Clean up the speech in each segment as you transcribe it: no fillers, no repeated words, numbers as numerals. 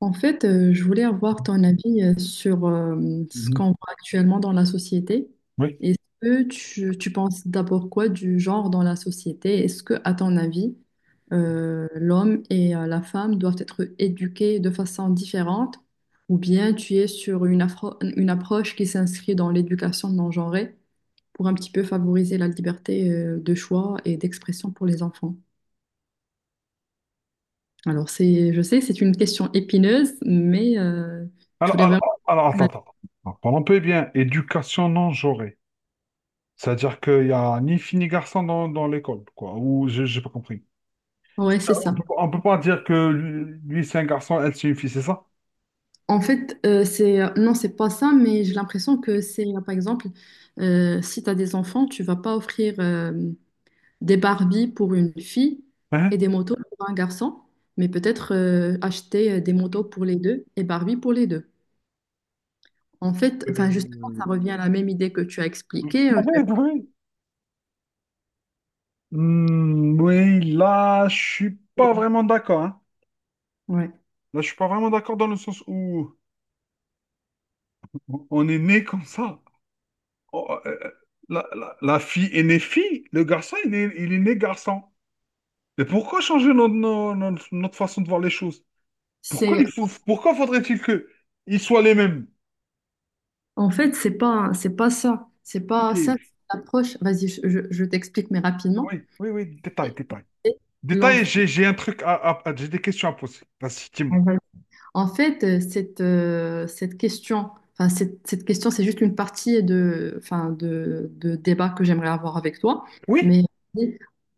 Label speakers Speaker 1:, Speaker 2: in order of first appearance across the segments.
Speaker 1: Je voulais avoir ton avis sur ce
Speaker 2: Mhm.
Speaker 1: qu'on voit actuellement dans la société.
Speaker 2: Oui.
Speaker 1: Est-ce que tu penses d'abord quoi du genre dans la société? Est-ce que, à ton avis, l'homme et la femme doivent être éduqués de façon différente? Ou bien tu es sur une approche qui s'inscrit dans l'éducation non genrée pour un petit peu favoriser la liberté de choix et d'expression pour les enfants? Alors, je sais, c'est une question épineuse, mais je
Speaker 2: Alors,
Speaker 1: voulais
Speaker 2: alors,
Speaker 1: vraiment.
Speaker 2: alors, attends. Attends. Parlons un peu eh bien. Éducation non genrée. C'est-à-dire qu'il n'y a ni fille ni garçon dans l'école, quoi. Ou j'ai pas compris.
Speaker 1: Ouais,
Speaker 2: Euh,
Speaker 1: c'est
Speaker 2: On
Speaker 1: ça.
Speaker 2: peut, on peut pas dire que lui, c'est un garçon, elle c'est une fille, c'est ça?
Speaker 1: C'est non, c'est pas ça, mais j'ai l'impression que par exemple, si tu as des enfants, tu vas pas offrir des Barbies pour une fille et
Speaker 2: Hein?
Speaker 1: des motos pour un garçon, mais peut-être acheter des motos pour les deux et Barbie pour les deux. Justement, ça
Speaker 2: Euh,
Speaker 1: revient à la même idée que tu as
Speaker 2: Oui,
Speaker 1: expliquée. Je vais pas-
Speaker 2: oui. Oui, là, je suis pas vraiment d'accord, hein.
Speaker 1: Ouais.
Speaker 2: Là, je suis pas vraiment d'accord dans le sens où on est né comme ça. Oh, euh, euh, la fille est née fille, le garçon, il est né garçon. Mais pourquoi changer notre, no- notre, notre façon de voir les choses? Pourquoi
Speaker 1: C'est
Speaker 2: pourquoi faudrait-il que ils soient les mêmes?
Speaker 1: C'est pas ça. C'est
Speaker 2: Ok.
Speaker 1: pas ça,
Speaker 2: Oui,
Speaker 1: c'est l'approche. Vas-y, je t'explique, mais rapidement.
Speaker 2: oui, détail,
Speaker 1: Et-
Speaker 2: détail.
Speaker 1: et
Speaker 2: Détail,
Speaker 1: L'enfant.
Speaker 2: j'ai un truc j'ai des questions à poser. Vas-y, dis-moi.
Speaker 1: Cette question, cette question, c'est juste une partie de, de débat que j'aimerais avoir avec toi.
Speaker 2: Oui?
Speaker 1: Mais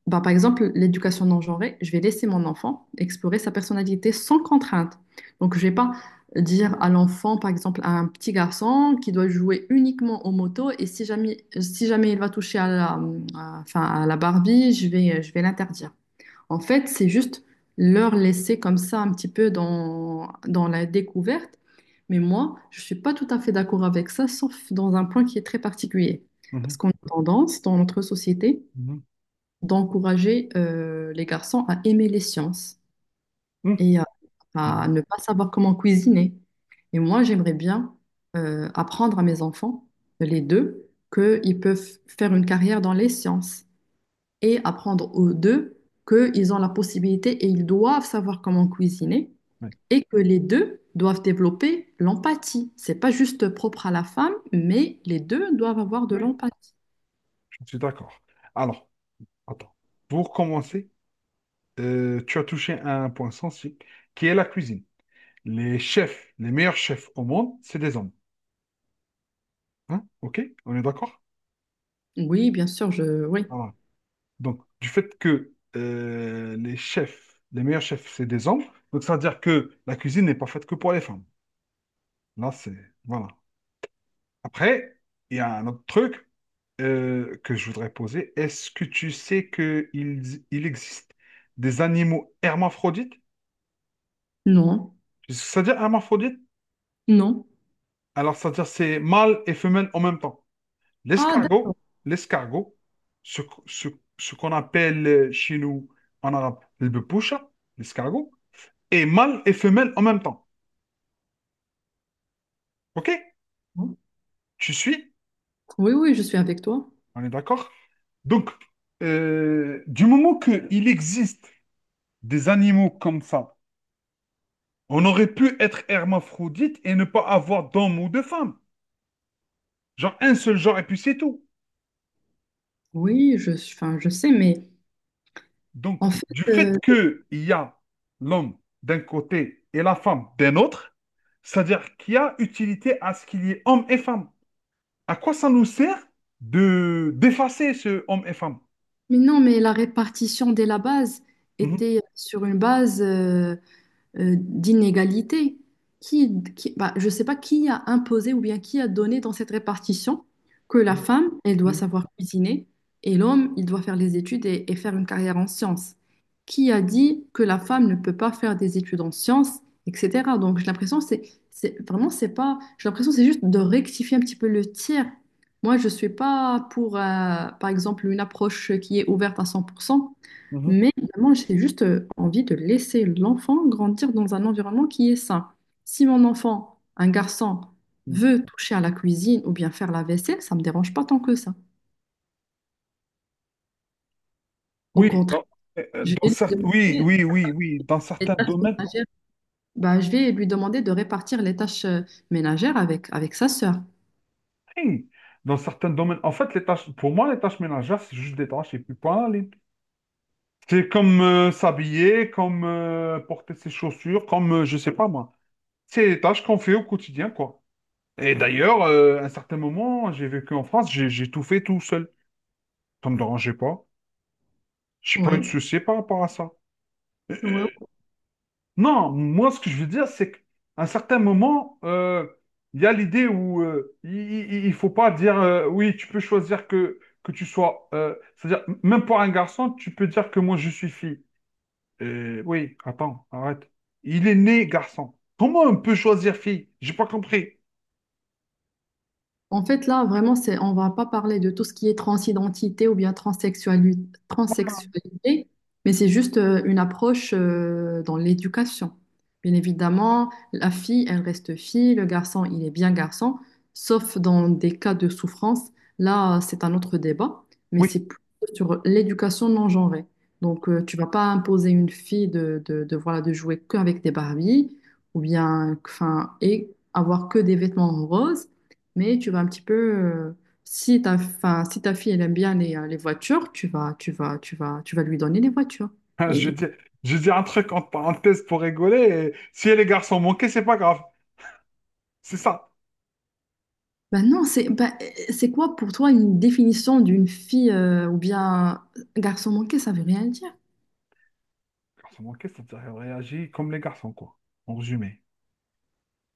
Speaker 1: bah, par exemple, l'éducation non genrée, je vais laisser mon enfant explorer sa personnalité sans contrainte. Donc, je vais pas dire à l'enfant, par exemple, à un petit garçon qui doit jouer uniquement aux motos et si jamais il va toucher à à la Barbie, je vais l'interdire. En fait, c'est juste leur laisser comme ça un petit peu dans la découverte. Mais moi, je ne suis pas tout à fait d'accord avec ça, sauf dans un point qui est très particulier. Parce
Speaker 2: Mhm,
Speaker 1: qu'on a tendance, dans notre société,
Speaker 2: mhm,
Speaker 1: d'encourager les garçons à aimer les sciences
Speaker 2: mhm,
Speaker 1: et à
Speaker 2: mhm,
Speaker 1: ne pas savoir comment cuisiner. Et moi, j'aimerais bien apprendre à mes enfants, les deux, qu'ils peuvent faire une carrière dans les sciences et apprendre aux deux qu'ils ont la possibilité et ils doivent savoir comment cuisiner
Speaker 2: Oui.
Speaker 1: et que les deux doivent développer l'empathie. C'est pas juste propre à la femme, mais les deux doivent avoir de
Speaker 2: Oui,
Speaker 1: l'empathie.
Speaker 2: je suis d'accord. Alors, attends. Pour commencer, tu as touché à un point sensible, qui est la cuisine. Les chefs, les meilleurs chefs au monde, c'est des hommes. Hein? Ok, on est d'accord?
Speaker 1: Oui, bien sûr, je... Oui.
Speaker 2: Voilà. Donc, du fait que les chefs, les meilleurs chefs, c'est des hommes, donc ça veut dire que la cuisine n'est pas faite que pour les femmes. Là, c'est... Voilà. Après, il y a un autre truc que je voudrais poser. Est-ce que tu sais qu'il existe des animaux hermaphrodites?
Speaker 1: Non.
Speaker 2: Ça veut dire hermaphrodite?
Speaker 1: Non.
Speaker 2: Alors, ça veut dire c'est mâle et femelle en même temps.
Speaker 1: Ah, d'accord.
Speaker 2: L'escargot, l'escargot, ce, ce- ce qu'on appelle chez nous en arabe le bepoucha, l'escargot, est mâle et femelle en même temps. OK? Tu suis?
Speaker 1: Oui, oui, je suis avec toi.
Speaker 2: On est d'accord? Donc, du moment qu'il existe des animaux comme ça, on aurait pu être hermaphrodite et ne pas avoir d'homme ou de femme. Genre un seul genre et puis c'est tout.
Speaker 1: Oui, je sais, mais
Speaker 2: Donc,
Speaker 1: en fait,
Speaker 2: du fait
Speaker 1: euh,
Speaker 2: qu'il y a l'homme d'un côté et la femme d'un autre, c'est-à-dire qu'il y a utilité à ce qu'il y ait homme et femme. À quoi ça nous sert de d'effacer ce homme et femme?
Speaker 1: mais non, mais la répartition dès la base
Speaker 2: Mhm,
Speaker 1: était sur une base. D'inégalité. Bah, je ne sais pas qui a imposé ou bien qui a donné dans cette répartition que la femme, elle doit
Speaker 2: mhm,
Speaker 1: savoir cuisiner et l'homme, il doit faire les études et faire une carrière en sciences. Qui a dit que la femme ne peut pas faire des études en sciences, etc. Donc j'ai l'impression c'est vraiment c'est pas j'ai l'impression c'est juste de rectifier un petit peu le tir. Moi, je suis pas pour, par exemple, une approche qui est ouverte à 100%,
Speaker 2: mhm,
Speaker 1: mais moi, j'ai juste envie de laisser l'enfant grandir dans un environnement qui est sain. Si mon enfant, un garçon,
Speaker 2: mhm.
Speaker 1: veut toucher à la cuisine ou bien faire la vaisselle, ça ne me dérange pas tant que ça. Au
Speaker 2: Oui,
Speaker 1: contraire, je vais lui
Speaker 2: oui,
Speaker 1: demander
Speaker 2: oui, oui, oui, dans
Speaker 1: les
Speaker 2: certains
Speaker 1: tâches
Speaker 2: domaines,
Speaker 1: ménagères. Bah, je vais lui demander de répartir les tâches ménagères avec sa sœur.
Speaker 2: oui. Dans certains domaines. En fait, les tâches, pour moi, les tâches ménagères, c'est juste des tâches et puis point. C'est comme s'habiller, comme porter ses chaussures, comme je sais pas moi. C'est les tâches qu'on fait au quotidien, quoi. Et d'ailleurs, à un certain moment, j'ai vécu en France, j'ai tout fait tout seul. Ça me dérangeait pas. J'ai pas eu de
Speaker 1: Ouais,
Speaker 2: soucis par rapport à ça. Euh, euh,
Speaker 1: ouais.
Speaker 2: non, moi, ce que je veux dire, c'est qu'à un certain moment, il y a l'idée où il faut pas dire oui, tu peux choisir que tu sois, c'est-à-dire, même pour un garçon, tu peux dire que moi, je suis fille. Oui, attends, arrête. Il est né garçon. Comment on peut choisir fille? J'ai pas compris.
Speaker 1: En fait, là, vraiment, on va pas parler de tout ce qui est transidentité ou bien transsexualité, mais c'est juste une approche dans l'éducation. Bien évidemment, la fille, elle reste fille, le garçon, il est bien garçon, sauf dans des cas de souffrance. Là, c'est un autre débat, mais c'est
Speaker 2: Oui.
Speaker 1: plutôt sur l'éducation non genrée. Donc, tu vas pas imposer une fille de, voilà, de jouer qu'avec des Barbies ou bien, enfin, et avoir que des vêtements roses. Mais tu vas un petit peu, si ta, enfin, si ta fille elle aime bien les voitures, tu vas lui donner les voitures.
Speaker 2: Je
Speaker 1: Et
Speaker 2: dis, je dis un truc entre parenthèses pour rigoler. Et si les garçons manquaient, c'est pas grave. C'est ça.
Speaker 1: ben non, c'est quoi pour toi une définition d'une fille ou bien un garçon manqué, ça veut rien dire.
Speaker 2: Les garçons manquaient, c'est-à-dire qu'elle réagit comme les garçons, quoi. En résumé.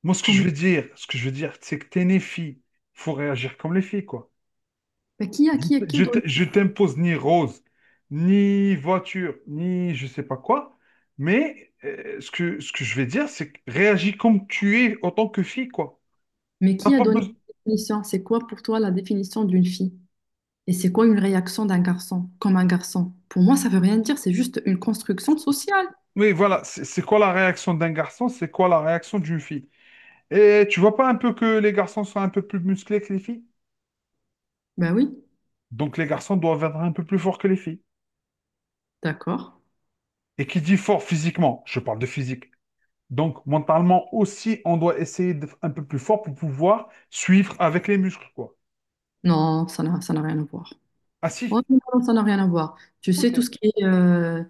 Speaker 2: Moi,
Speaker 1: Comme,
Speaker 2: ce que je veux dire, c'est que t'es né fille. Faut réagir comme les filles, quoi.
Speaker 1: ben, qui a,
Speaker 2: Je,
Speaker 1: qui a, qui a donné,
Speaker 2: je t'impose ni rose, ni voiture, ni je sais pas quoi. Mais ce que je vais dire, c'est que réagis comme tu es en tant que fille, quoi.
Speaker 1: Mais
Speaker 2: T'as
Speaker 1: qui a
Speaker 2: pas
Speaker 1: donné
Speaker 2: besoin.
Speaker 1: cette définition? C'est quoi pour toi la définition d'une fille? Et c'est quoi une réaction d'un garçon, comme un garçon? Pour moi, ça veut rien dire, c'est juste une construction sociale.
Speaker 2: Oui, voilà. C'est quoi la réaction d'un garçon? C'est quoi la réaction d'une fille? Et tu vois pas un peu que les garçons sont un peu plus musclés que les filles?
Speaker 1: Ben oui,
Speaker 2: Donc les garçons doivent être un peu plus forts que les filles.
Speaker 1: d'accord.
Speaker 2: Et qui dit fort physiquement, je parle de physique. Donc mentalement aussi, on doit essayer d'être un peu plus fort pour pouvoir suivre avec les muscles, quoi.
Speaker 1: Non, ça n'a rien à voir.
Speaker 2: Ah si.
Speaker 1: Ouais, mais non, ça n'a rien à voir. Tu sais,
Speaker 2: Ok.
Speaker 1: tout ce qui est, euh,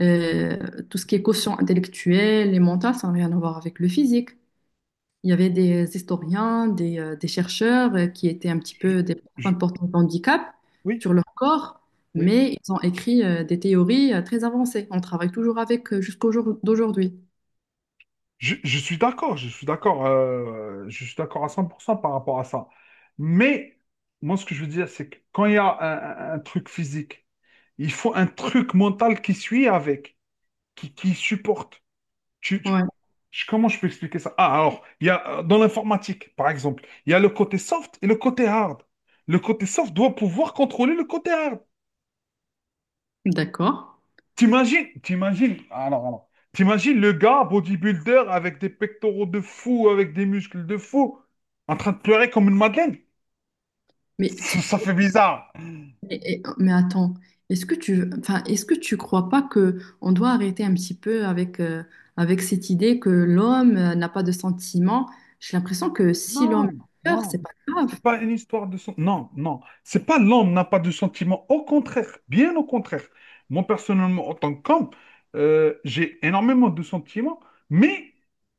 Speaker 1: euh, tout ce qui est quotient intellectuel et mental, ça n'a rien à voir avec le physique. Il y avait des historiens, des chercheurs qui étaient un petit
Speaker 2: je-
Speaker 1: peu des personnes
Speaker 2: je-
Speaker 1: portant de handicap
Speaker 2: oui,
Speaker 1: sur leur corps,
Speaker 2: oui.
Speaker 1: mais ils ont écrit des théories très avancées. On travaille toujours avec jusqu'au jour d'aujourd'hui.
Speaker 2: Je suis d'accord, je suis d'accord à 100% par rapport à ça. Mais moi, ce que je veux dire, c'est que quand il y a un un truc physique, il faut un truc mental qui suit avec, qui supportent. Tu- tu-
Speaker 1: Ouais,
Speaker 2: Comment je peux expliquer ça? Ah, alors, il y a, dans l'informatique, par exemple, il y a le côté soft et le côté hard. Le côté soft doit pouvoir contrôler le côté hard.
Speaker 1: d'accord.
Speaker 2: T'imagines le gars bodybuilder avec des pectoraux de fou, avec des muscles de fou, en train de pleurer comme une madeleine.
Speaker 1: Mais t-
Speaker 2: Ça fait bizarre.
Speaker 1: Mais attends, est-ce que est-ce que tu crois pas que on doit arrêter un petit peu avec, avec cette idée que l'homme n'a pas de sentiments? J'ai l'impression que si
Speaker 2: Non,
Speaker 1: l'homme pleure,
Speaker 2: non.
Speaker 1: c'est pas grave.
Speaker 2: C'est pas une histoire de... sen- Non, non. C'est pas l'homme n'a pas de sentiments. Au contraire, bien au contraire. Moi, personnellement, en tant qu'homme, j'ai énormément de sentiments, mais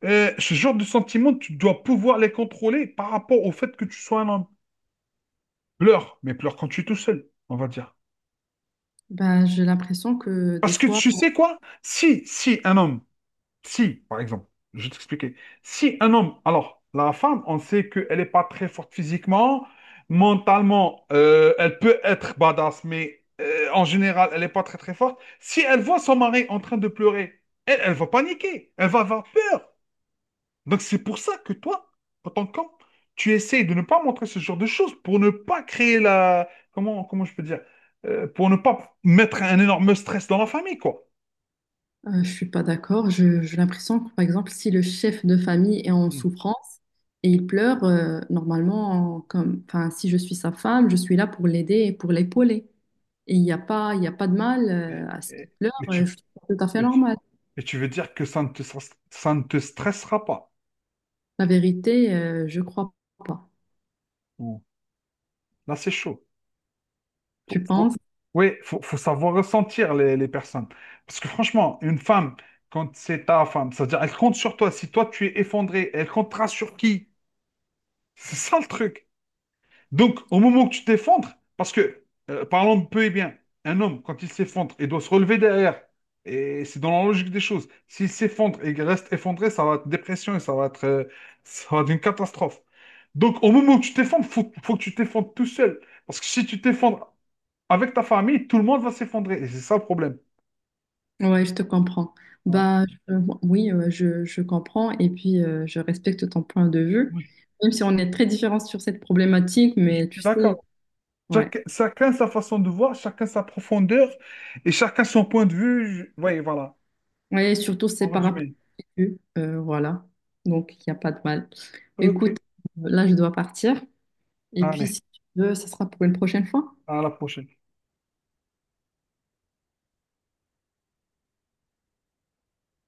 Speaker 2: ce genre de sentiments, tu dois pouvoir les contrôler par rapport au fait que tu sois un homme. Pleure, mais pleure quand tu es tout seul, on va dire.
Speaker 1: Ben, j'ai l'impression que des
Speaker 2: Parce que
Speaker 1: fois,
Speaker 2: tu sais quoi? Si, si un homme Si, par exemple, je vais t'expliquer. Si un homme, alors, la femme, on sait qu'elle n'est pas très forte physiquement, mentalement, elle peut être badass, mais en général, elle n'est pas très très forte. Si elle voit son mari en train de pleurer, elle va paniquer, elle va avoir peur. Donc c'est pour ça que toi, en tant qu'homme, tu essayes de ne pas montrer ce genre de choses pour ne pas créer la... Comment, comment je peux dire? Pour ne pas mettre un énorme stress dans la famille, quoi.
Speaker 1: je suis pas d'accord. J'ai l'impression que, par exemple, si le chef de famille est en
Speaker 2: Hmm.
Speaker 1: souffrance et il pleure, normalement, si je suis sa femme, je suis là pour l'aider et pour l'épauler. Et il y a pas de mal,
Speaker 2: Et-
Speaker 1: à ce qu'il
Speaker 2: et-
Speaker 1: pleure.
Speaker 2: Mais tu,
Speaker 1: Je trouve ça tout à fait normal.
Speaker 2: Et tu veux dire que ça ne te stressera pas.
Speaker 1: La vérité, je crois pas.
Speaker 2: Bon, là, c'est chaud. Faut,
Speaker 1: Tu
Speaker 2: faut-
Speaker 1: penses?
Speaker 2: Oui, faut savoir ressentir les personnes. Parce que franchement, une femme, quand c'est ta femme, c'est-à-dire elle compte sur toi. Si toi, tu es effondré, elle comptera sur qui? C'est ça le truc. Donc, au moment où tu t'effondres, parce que, parlons de peu et bien, un homme, quand il s'effondre, il doit se relever derrière. Et c'est dans la logique des choses. S'il s'effondre et qu'il reste effondré, ça va être dépression et ça va être une catastrophe. Donc, au moment où tu t'effondres, faut que tu t'effondres tout seul. Parce que si tu t'effondres avec ta famille, tout le monde va s'effondrer. Et c'est ça le problème.
Speaker 1: Ouais, je te comprends.
Speaker 2: Ouais.
Speaker 1: Bah, je- oui, je comprends et puis je respecte ton point de vue,
Speaker 2: Oui,
Speaker 1: même si on est très différents sur cette problématique,
Speaker 2: je
Speaker 1: mais tu
Speaker 2: suis
Speaker 1: sais,
Speaker 2: d'accord.
Speaker 1: ouais.
Speaker 2: Chacun sa façon de voir, chacun sa profondeur et chacun son point de vue. Oui, voilà,
Speaker 1: Ouais, et surtout c'est
Speaker 2: en
Speaker 1: par rapport
Speaker 2: résumé.
Speaker 1: à eux, voilà. Donc il n'y a pas de mal.
Speaker 2: Ok.
Speaker 1: Écoute, là je dois partir et puis
Speaker 2: Allez.
Speaker 1: si tu veux, ça sera pour une prochaine fois.
Speaker 2: À la prochaine.